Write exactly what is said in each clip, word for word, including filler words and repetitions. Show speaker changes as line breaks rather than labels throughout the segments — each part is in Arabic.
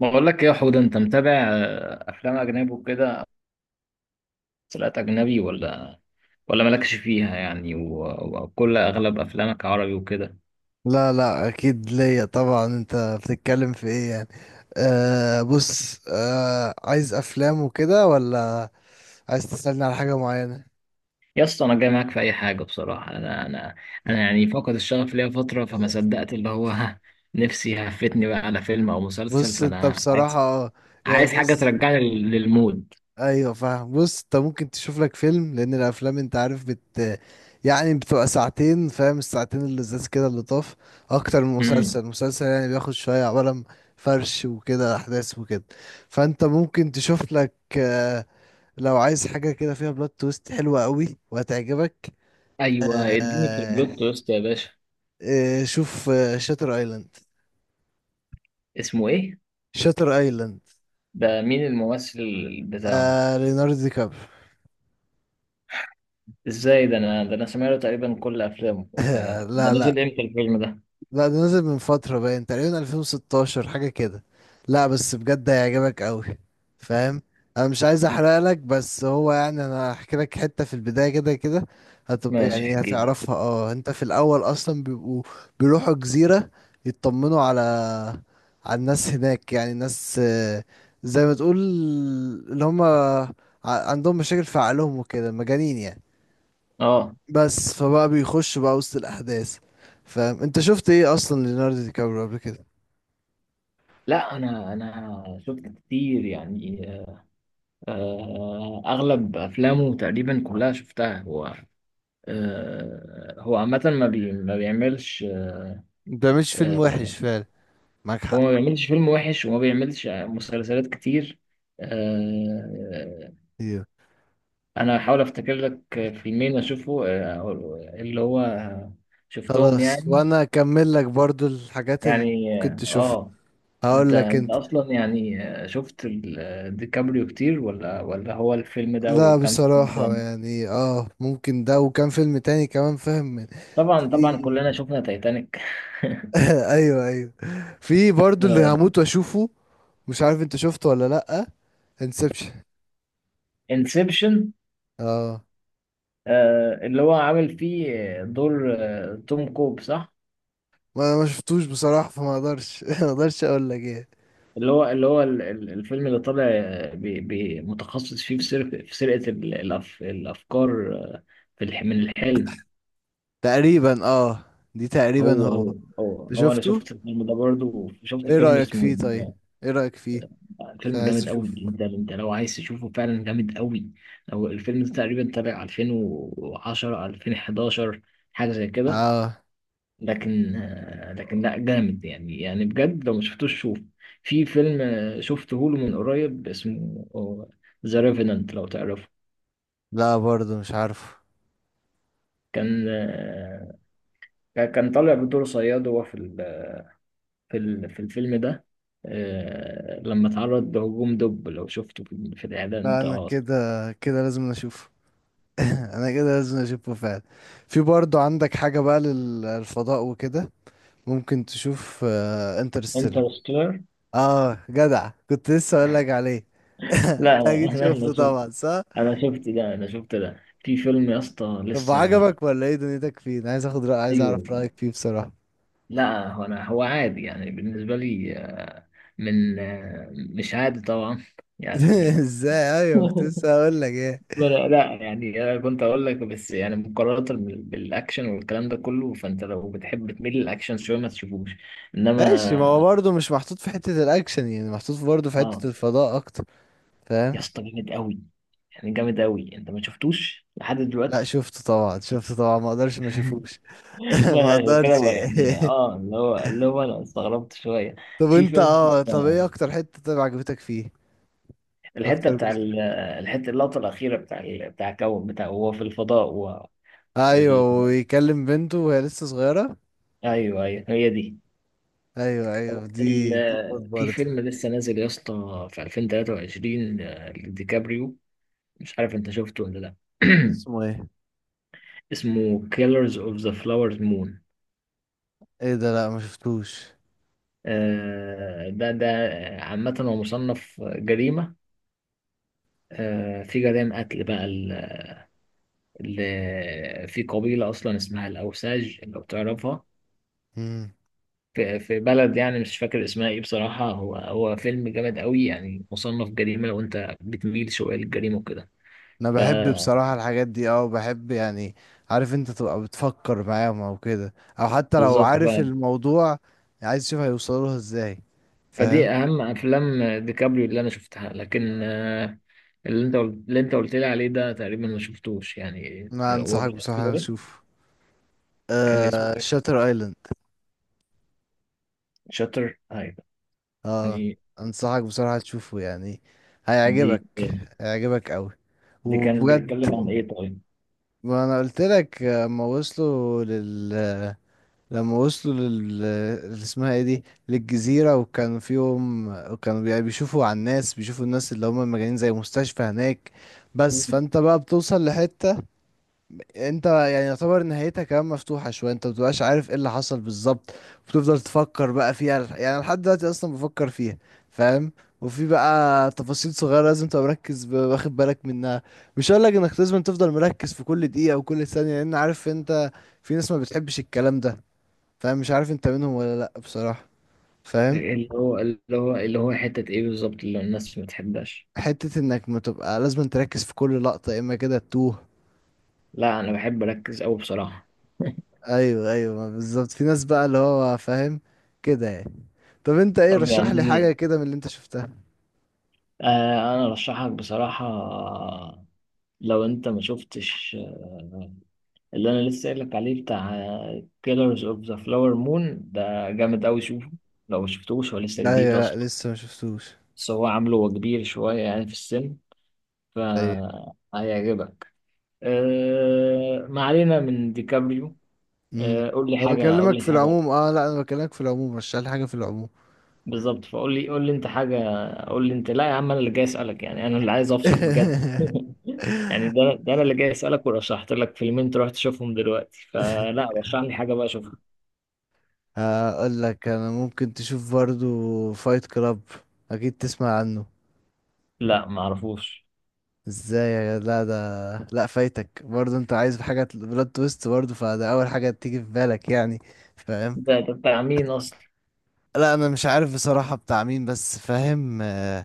بقول لك ايه يا حوده، انت متابع آه، افلام اجنبي وكده؟ مسلسلات اجنبي، ولا ولا مالكش فيها يعني، و- وكل اغلب افلامك عربي وكده؟
لا لا، اكيد ليا طبعا. انت بتتكلم في ايه يعني؟ آه بص آه عايز افلام وكده، ولا عايز تسألني على حاجة معينة؟
يا اسطى، انا جاي معاك في اي حاجه بصراحه. انا انا انا يعني فاقد الشغف ليا فتره، فما
أيوة.
صدقت اللي هو ها، نفسي هفتني بقى على فيلم او مسلسل.
بص انت
فانا
بصراحة،
عايز
آه، يعني
عايز حاجه
بص،
ترجعني لل- للمود.
ايوه فاهم. بص انت ممكن تشوف لك فيلم، لان الافلام انت عارف بت يعني بتبقى ساعتين، فاهم؟ الساعتين اللذاذ كده اللي طاف اكتر من
امم.
مسلسل. مسلسل يعني بياخد شوية عبارة عن فرش وكده احداث وكده، فانت ممكن تشوف لك آه، لو عايز حاجة كده فيها بلوت تويست حلوة قوي وهتعجبك.
ايوه، اديني في
آه
البلوت تويست يا باشا.
آه شوف، آه شاتر ايلاند.
اسمه ايه؟
شاتر ايلاند.
ده مين الممثل بتاعه؟
آه ليوناردو دي كابريو.
ازاي؟ ده انا ده انا سمعت تقريبا كل افلامه. آه، ده
لا لا.
نزل امتى الفيلم ده؟
لا، ده نزل من فترة، باين تقريبا ألفين وستاشر حاجة كده. لا بس بجد هيعجبك قوي، فاهم؟ انا مش عايز احرق لك، بس هو يعني انا هحكي لك حتة في البداية كده كده هتبقى
ماشي،
يعني
احكي لي.
هتعرفها. اه انت في الاول اصلا بيبقوا بيروحوا جزيرة، يطمنوا على على الناس هناك، يعني الناس، آه، زي ما تقول اللي هم عندهم مشاكل في عقلهم وكده، مجانين يعني.
اه
بس فبقى بيخش بقى وسط الأحداث، فاهم؟ انت شفت ايه اصلا ليوناردو دي كابريو قبل كده؟
لا، انا انا شفت كتير يعني. آه، اغلب افلامه تقريبا كلها شفتها هو. آه، هو عامة ما بي ما بيعملش.
ده مش فيلم
آه،
وحش فعلا. معاك
هو
حق،
ما بيعملش فيلم وحش وما بيعملش مسلسلات كتير. آه،
ايوه.
انا هحاول افتكر لك فيلمين اشوفه، آه، اللي هو شفتهم
خلاص،
يعني.
وانا اكمل لك برضو الحاجات اللي
يعني
ممكن
اه
تشوفها.
آه. انت
هقول لك
انت
انت.
اصلا يعني شفت ال- ديكابريو كتير، ولا ولا هو الفيلم ده
لا
وكم فيلم
بصراحة
تاني؟
يعني اه ممكن ده، وكان فيلم تاني كمان فاهم من-
طبعا
في...
طبعا، كلنا شفنا تايتانيك.
ايوه ايوه. في برضو اللي
آه،
هموت واشوفه، مش عارف انت شفته ولا لأ. انسبشن.
انسبشن.
اه،
آه، اللي هو عامل فيه دور، آه، توم كوب، صح؟
ما ما شفتوش بصراحة، فما اقدرش ما اقدرش اقول لك ايه.
اللي هو اللي هو ال- ال- الفيلم اللي طالع، آه، بي- بي- متخصص فيه في سرقة في سرقة ال- الأف- الافكار، آه، في الح- من الحلم.
تقريبا، اه، دي تقريبا
هو
هو.
هو هو,
أنت
هو انا
شفته؟
شفت الفيلم ده برضه، وشفت
ايه
فيلم
رأيك
اسمه.
فيه طيب؟ ايه رأيك فيه؟ عشان
فيلم
عايز
جامد قوي،
اشوف.
ده انت لو عايز تشوفه فعلا جامد قوي. لو الفيلم ده تقريبا تابع ألفين وعشرة ألفين وحداشر، حاجه زي كده.
اه.
لكن آه، لكن لا جامد يعني يعني بجد، لو ما شفتوش شوف. في فيلم آه، شفته له من قريب، اسمه ذا ريفينانت، لو تعرفه.
لا برضه مش عارفه.
كان آه، كان طالع بدور صياد، هو في ال- في ال- في الفيلم ده، آه، لما اتعرض لهجوم دب. لو شفته في في الاعلان
لا، انا
بتاع
كده كده لازم اشوفه. انا كده لازم اشوفه فعلا. في برضه عندك حاجة بقى للفضاء وكده، ممكن تشوف انترستيلر.
انترستيلر.
اه، Interstellar. آه، جدع كنت لسه اقول لك عليه.
لا
انت اكيد
انا.
شفته طبعا، صح؟
انا شفت ده انا شفت ده في فيلم يا اسطى
طب
لسه.
عجبك ولا ايه دنيتك فيه؟ انا عايز اخد رأي، عايز
ايوه.
اعرف رأيك فيه بصراحة.
لا هو انا هو عادي يعني بالنسبه لي. آه، من آه، مش عادي طبعا يعني.
ازاي؟ ايوه كنت لسه هقول لك ايه.
لا لا، يعني انا كنت اقول لك بس، يعني مقارنه بال- بالاكشن والكلام ده كله، فانت لو بتحب تميل للاكشن شويه ما تشوفوش.
ماشي، ما هو
انما
برضه مش محطوط في حتة الاكشن يعني، محطوط برضه في
اه،
حتة الفضاء اكتر، فاهم؟
يا اسطى جامد قوي يعني، جامد قوي. انت ما شفتوش لحد
لا
دلوقتي؟
شفته طبعا، شفته طبعا، ما اقدرش ما اشوفوش.
ما
ما
انا عشان كده
اقدرش.
بقى يعني، اه اللي هو اللي هو انا استغربت شويه.
طب
في
انت
فيلم
اه طب ايه
اسمه،
اكتر حتة طيب عجبتك فيه؟
الحته
اكتر
بتاع
جزء؟
ال- الحته، اللقطه الاخيره، بتاع ال- بتاع الكون، بتاع هو في الفضاء و. ال.
ايوه، ويكلم بنته وهي لسه صغيرة.
ايوه ايوه، هي دي.
ايوه ايوه، دي دي موت
ال. في
برضه.
فيلم لسه نازل يا اسطى، في ألفين وتلاتة وعشرين لديكابريو، مش عارف انت شفته ولا لا.
اسمه ايه؟
اسمه Killers of the Flower Moon.
ايه ده؟ لا ما شفتوش.
آه، ده ده عامة هو مصنف جريمة، آه، في جرائم قتل بقى، ل- في قبيلة أصلا اسمها الأوساج، لو تعرفها.
مم.
في في بلد يعني، مش فاكر اسمها إيه بصراحة. هو هو فيلم جامد قوي يعني، مصنف جريمة، لو أنت بتميل شوية للجريمة وكده.
انا
ف.
بحب بصراحة الحاجات دي، اه بحب يعني. عارف انت تبقى بتفكر معاهم او كده، او حتى لو
بالظبط ف.
عارف الموضوع عايز تشوف هيوصلوا لها ازاي، فاهم؟
فدي أهم أفلام ديكابريو اللي أنا شفتها. لكن آه، اللي أنت قل- اللي أنت قلت لي عليه ده تقريبا ما شفتوش يعني.
انا
آه، هو
انصحك
كان اسمه
بصراحة
إيه؟
تشوف
كان اسمه
آه
إيه؟
شاتر ايلاند.
شاتر، أيوه.
اه،
يعني
انصحك بصراحة تشوفه، يعني
دي
هيعجبك، هيعجبك قوي
دي كان
وبجد.
بيتكلم عن إيه طيب؟
ما انا قلت لك، آه، ما وصلوا لل لما وصلوا لل اللي اسمها ايه دي، للجزيرة، وكان فيهم وكانوا بي- بيشوفوا على الناس، بيشوفوا الناس اللي هم مجانين زي مستشفى هناك. بس فانت بقى بتوصل لحتة انت يعني يعتبر نهايتها كمان مفتوحة شوية، انت مبتبقاش عارف ايه اللي حصل بالظبط، بتفضل تفكر بقى فيها، يعني لحد دلوقتي اصلا بفكر فيها، فاهم؟ وفي بقى تفاصيل صغيرة لازم تبقى مركز ب- واخد بالك منها. مش هقولك انك لازم تفضل مركز في كل دقيقة وكل ثانية، لان عارف انت في ناس ما بتحبش الكلام ده، فاهم؟ مش عارف انت منهم ولا لا بصراحة، فاهم؟
اللي هو اللي هو اللي هو حتة ايه بالظبط اللي الناس ما بتحبهاش؟
حتة انك ما تبقى لازم تركز في كل لقطة يا اما كده تتوه.
لا، انا بحب اركز قوي بصراحة.
ايوه ايوه، ما بالظبط في ناس بقى اللي هو فاهم كده يعني. طب انت ايه،
طب
رشح لي حاجة
يعني
كده من اللي انت شفتها؟
آه، انا ارشحك بصراحة، لو انت ما شفتش اللي انا لسه قايل لك عليه بتاع كيلرز اوف ذا فلاور مون، ده جامد قوي، شوفه. لو ما شفتوش، هو لسه جديد
ايوه، لا
اصلا.
لسه ما شفتوش.
بس هو عامله هو كبير شوية يعني في السن،
ايوه.
فهيعجبك. آه، ما علينا من ديكابريو.
امم
آه، قول لي
انا
حاجة قول
بكلمك
لي
في
حاجة.
العموم، اه لا انا بكلمك في العموم، رشح لي حاجة في العموم.
بالظبط، فقول لي قول لي انت حاجه. قول لي انت، لا يا عم، انا اللي جاي اسالك يعني، انا اللي عايز افصل بجد. يعني ده ده انا اللي جاي اسالك، ورشحت لك فيلمين تروح تشوفهم دلوقتي، فلا، رشح لي حاجه بقى اشوفها.
هقول لك انا، ممكن تشوف برضو فايت كلاب، اكيد تسمع عنه.
لا ما اعرفوش.
ازاي يا جد- لا ده، لا فايتك برضه، انت عايز حاجة بلوت تويست برضه، فده اول حاجة تيجي في بالك يعني، فاهم؟
ده ده بتاع مين اصلا؟
لا انا مش عارف بصراحة بتاع مين، بس فاهم، آه،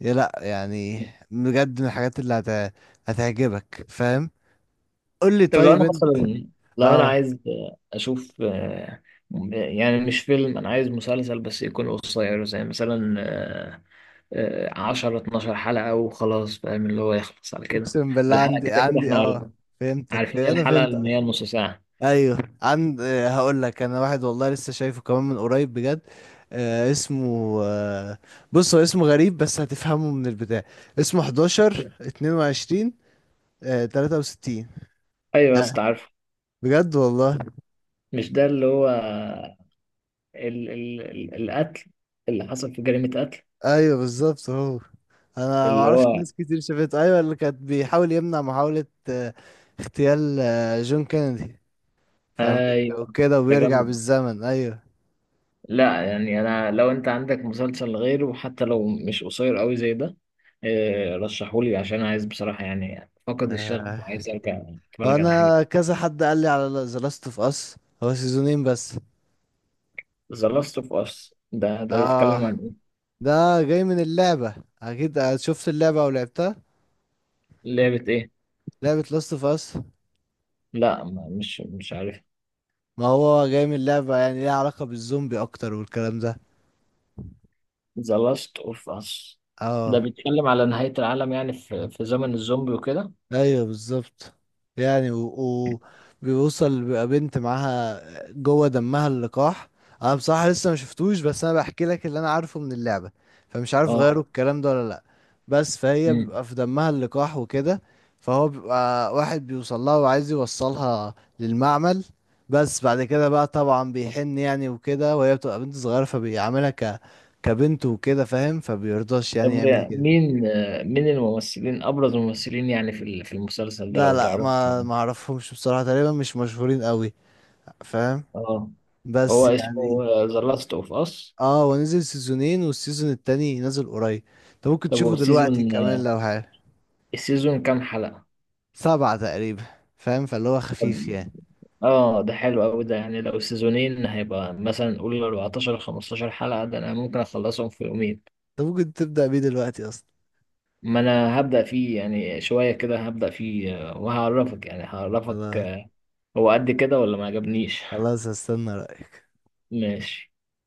يا لا يعني، بجد من الحاجات اللي هت... هتعجبك، فاهم؟ قول لي
طب لو
طيب
انا
انت.
مثلا، لو انا
اه.
عايز اشوف، آه، يعني مش فيلم، انا عايز مسلسل بس يكون قصير، زي مثلا آه، آه، عشر اتناشر حلقه وخلاص. فاهم؟ اللي هو يخلص على كده.
اقسم بالله
والحلقه
عندي،
كده كده،
عندي
احنا عارف-
اه فهمتك،
عارفين
انا
الحلقه
فهمت.
ان هي نص ساعه.
ايوه عند، آه، هقول لك انا واحد، والله لسه شايفه كمان من قريب بجد. آه اسمه، آه بص هو اسمه غريب بس هتفهمه من البتاع. اسمه حداشر اتنين وعشرين آه تلاتة وستين.
ايوه يا
لا
اسطى، عارفه.
بجد والله.
مش ده اللي هو ال ال ال القتل اللي حصل؟ في جريمة قتل
ايوه بالظبط هو. انا ما
اللي
اعرفش
هو.
ناس كتير شافته، ايوه، اللي كانت بيحاول يمنع محاولة آه اغتيال آه جون كينيدي في امريكا
ايوه.
وكده، وبيرجع
تجمد.
بالزمن. ايوه.
لا يعني انا، لو انت عندك مسلسل غيره، حتى لو مش قصير قوي زي ده، آه، رشحهولي، عشان عايز بصراحة يعني، فقد الشغف
آه.
وعايز ارجع اتفرج على حاجة.
انا كذا حد قال لي على ذا لاست اوف اس، هو سيزونين بس.
ذا لاست اوف اس ده ده بيتكلم عن
اه،
ايه؟
ده جاي من اللعبة، اكيد، آه، شفت اللعبة او لعبتها؟
لعبة ايه؟
لعبة لاست اوف اس.
لا ما- مش مش عارف.
ما هو جاي من اللعبة، يعني ليها علاقة بالزومبي اكتر والكلام ده.
ذا لاست اوف اس ده
اه،
بيتكلم على نهاية العالم يعني، في في زمن الزومبي وكده.
ايوه بالظبط، يعني و... وبيوصل بيبقى بنت معاها جوه دمها اللقاح. انا بصراحه لسه ما شفتوش، بس انا بحكي لك اللي انا عارفه من اللعبه، فمش عارف
اه.
غيروا الكلام ده ولا لا. بس فهي
مم.
بيبقى في دمها اللقاح وكده، فهو بيبقى واحد بيوصل لها وعايز يوصلها للمعمل، بس بعد كده بقى طبعا بيحن يعني وكده، وهي بتبقى بنت صغيره فبيعاملها ك... كبنت وكده، فاهم؟ فبيرضاش
طب
يعني يعمل كده.
مين، آه، مين الممثلين، ابرز الممثلين يعني، في ال- في المسلسل ده
لا
لو
لا،
تعرف؟
ما ما اعرفهمش بصراحة، تقريبا مش مشهورين قوي، فاهم؟
اه. هو
بس يعني
اسمه ذا لاست اوف اس.
اه هو نزل سيزونين والسيزون التاني نزل قريب، انت ممكن
طب هو
تشوفه دلوقتي
السيزون
كمان لو حاجة.
السيزون كام حلقة؟
سبعة تقريبا، فاهم؟ فاللي هو
طب
خفيف يعني.
اه، ده حلو قوي ده يعني. لو سيزونين هيبقى مثلا نقول اربعتاشر خمستاشر حلقة، ده انا ممكن اخلصهم في يومين.
انت ممكن تبدأ بيه دلوقتي اصلا.
ما انا هبدأ فيه يعني، شوية كده هبدأ فيه، آه، وهعرفك يعني هعرفك
خلاص
آه، هو قد كده ولا ما عجبنيش.
خلاص، هستنى رأيك.
ماشي.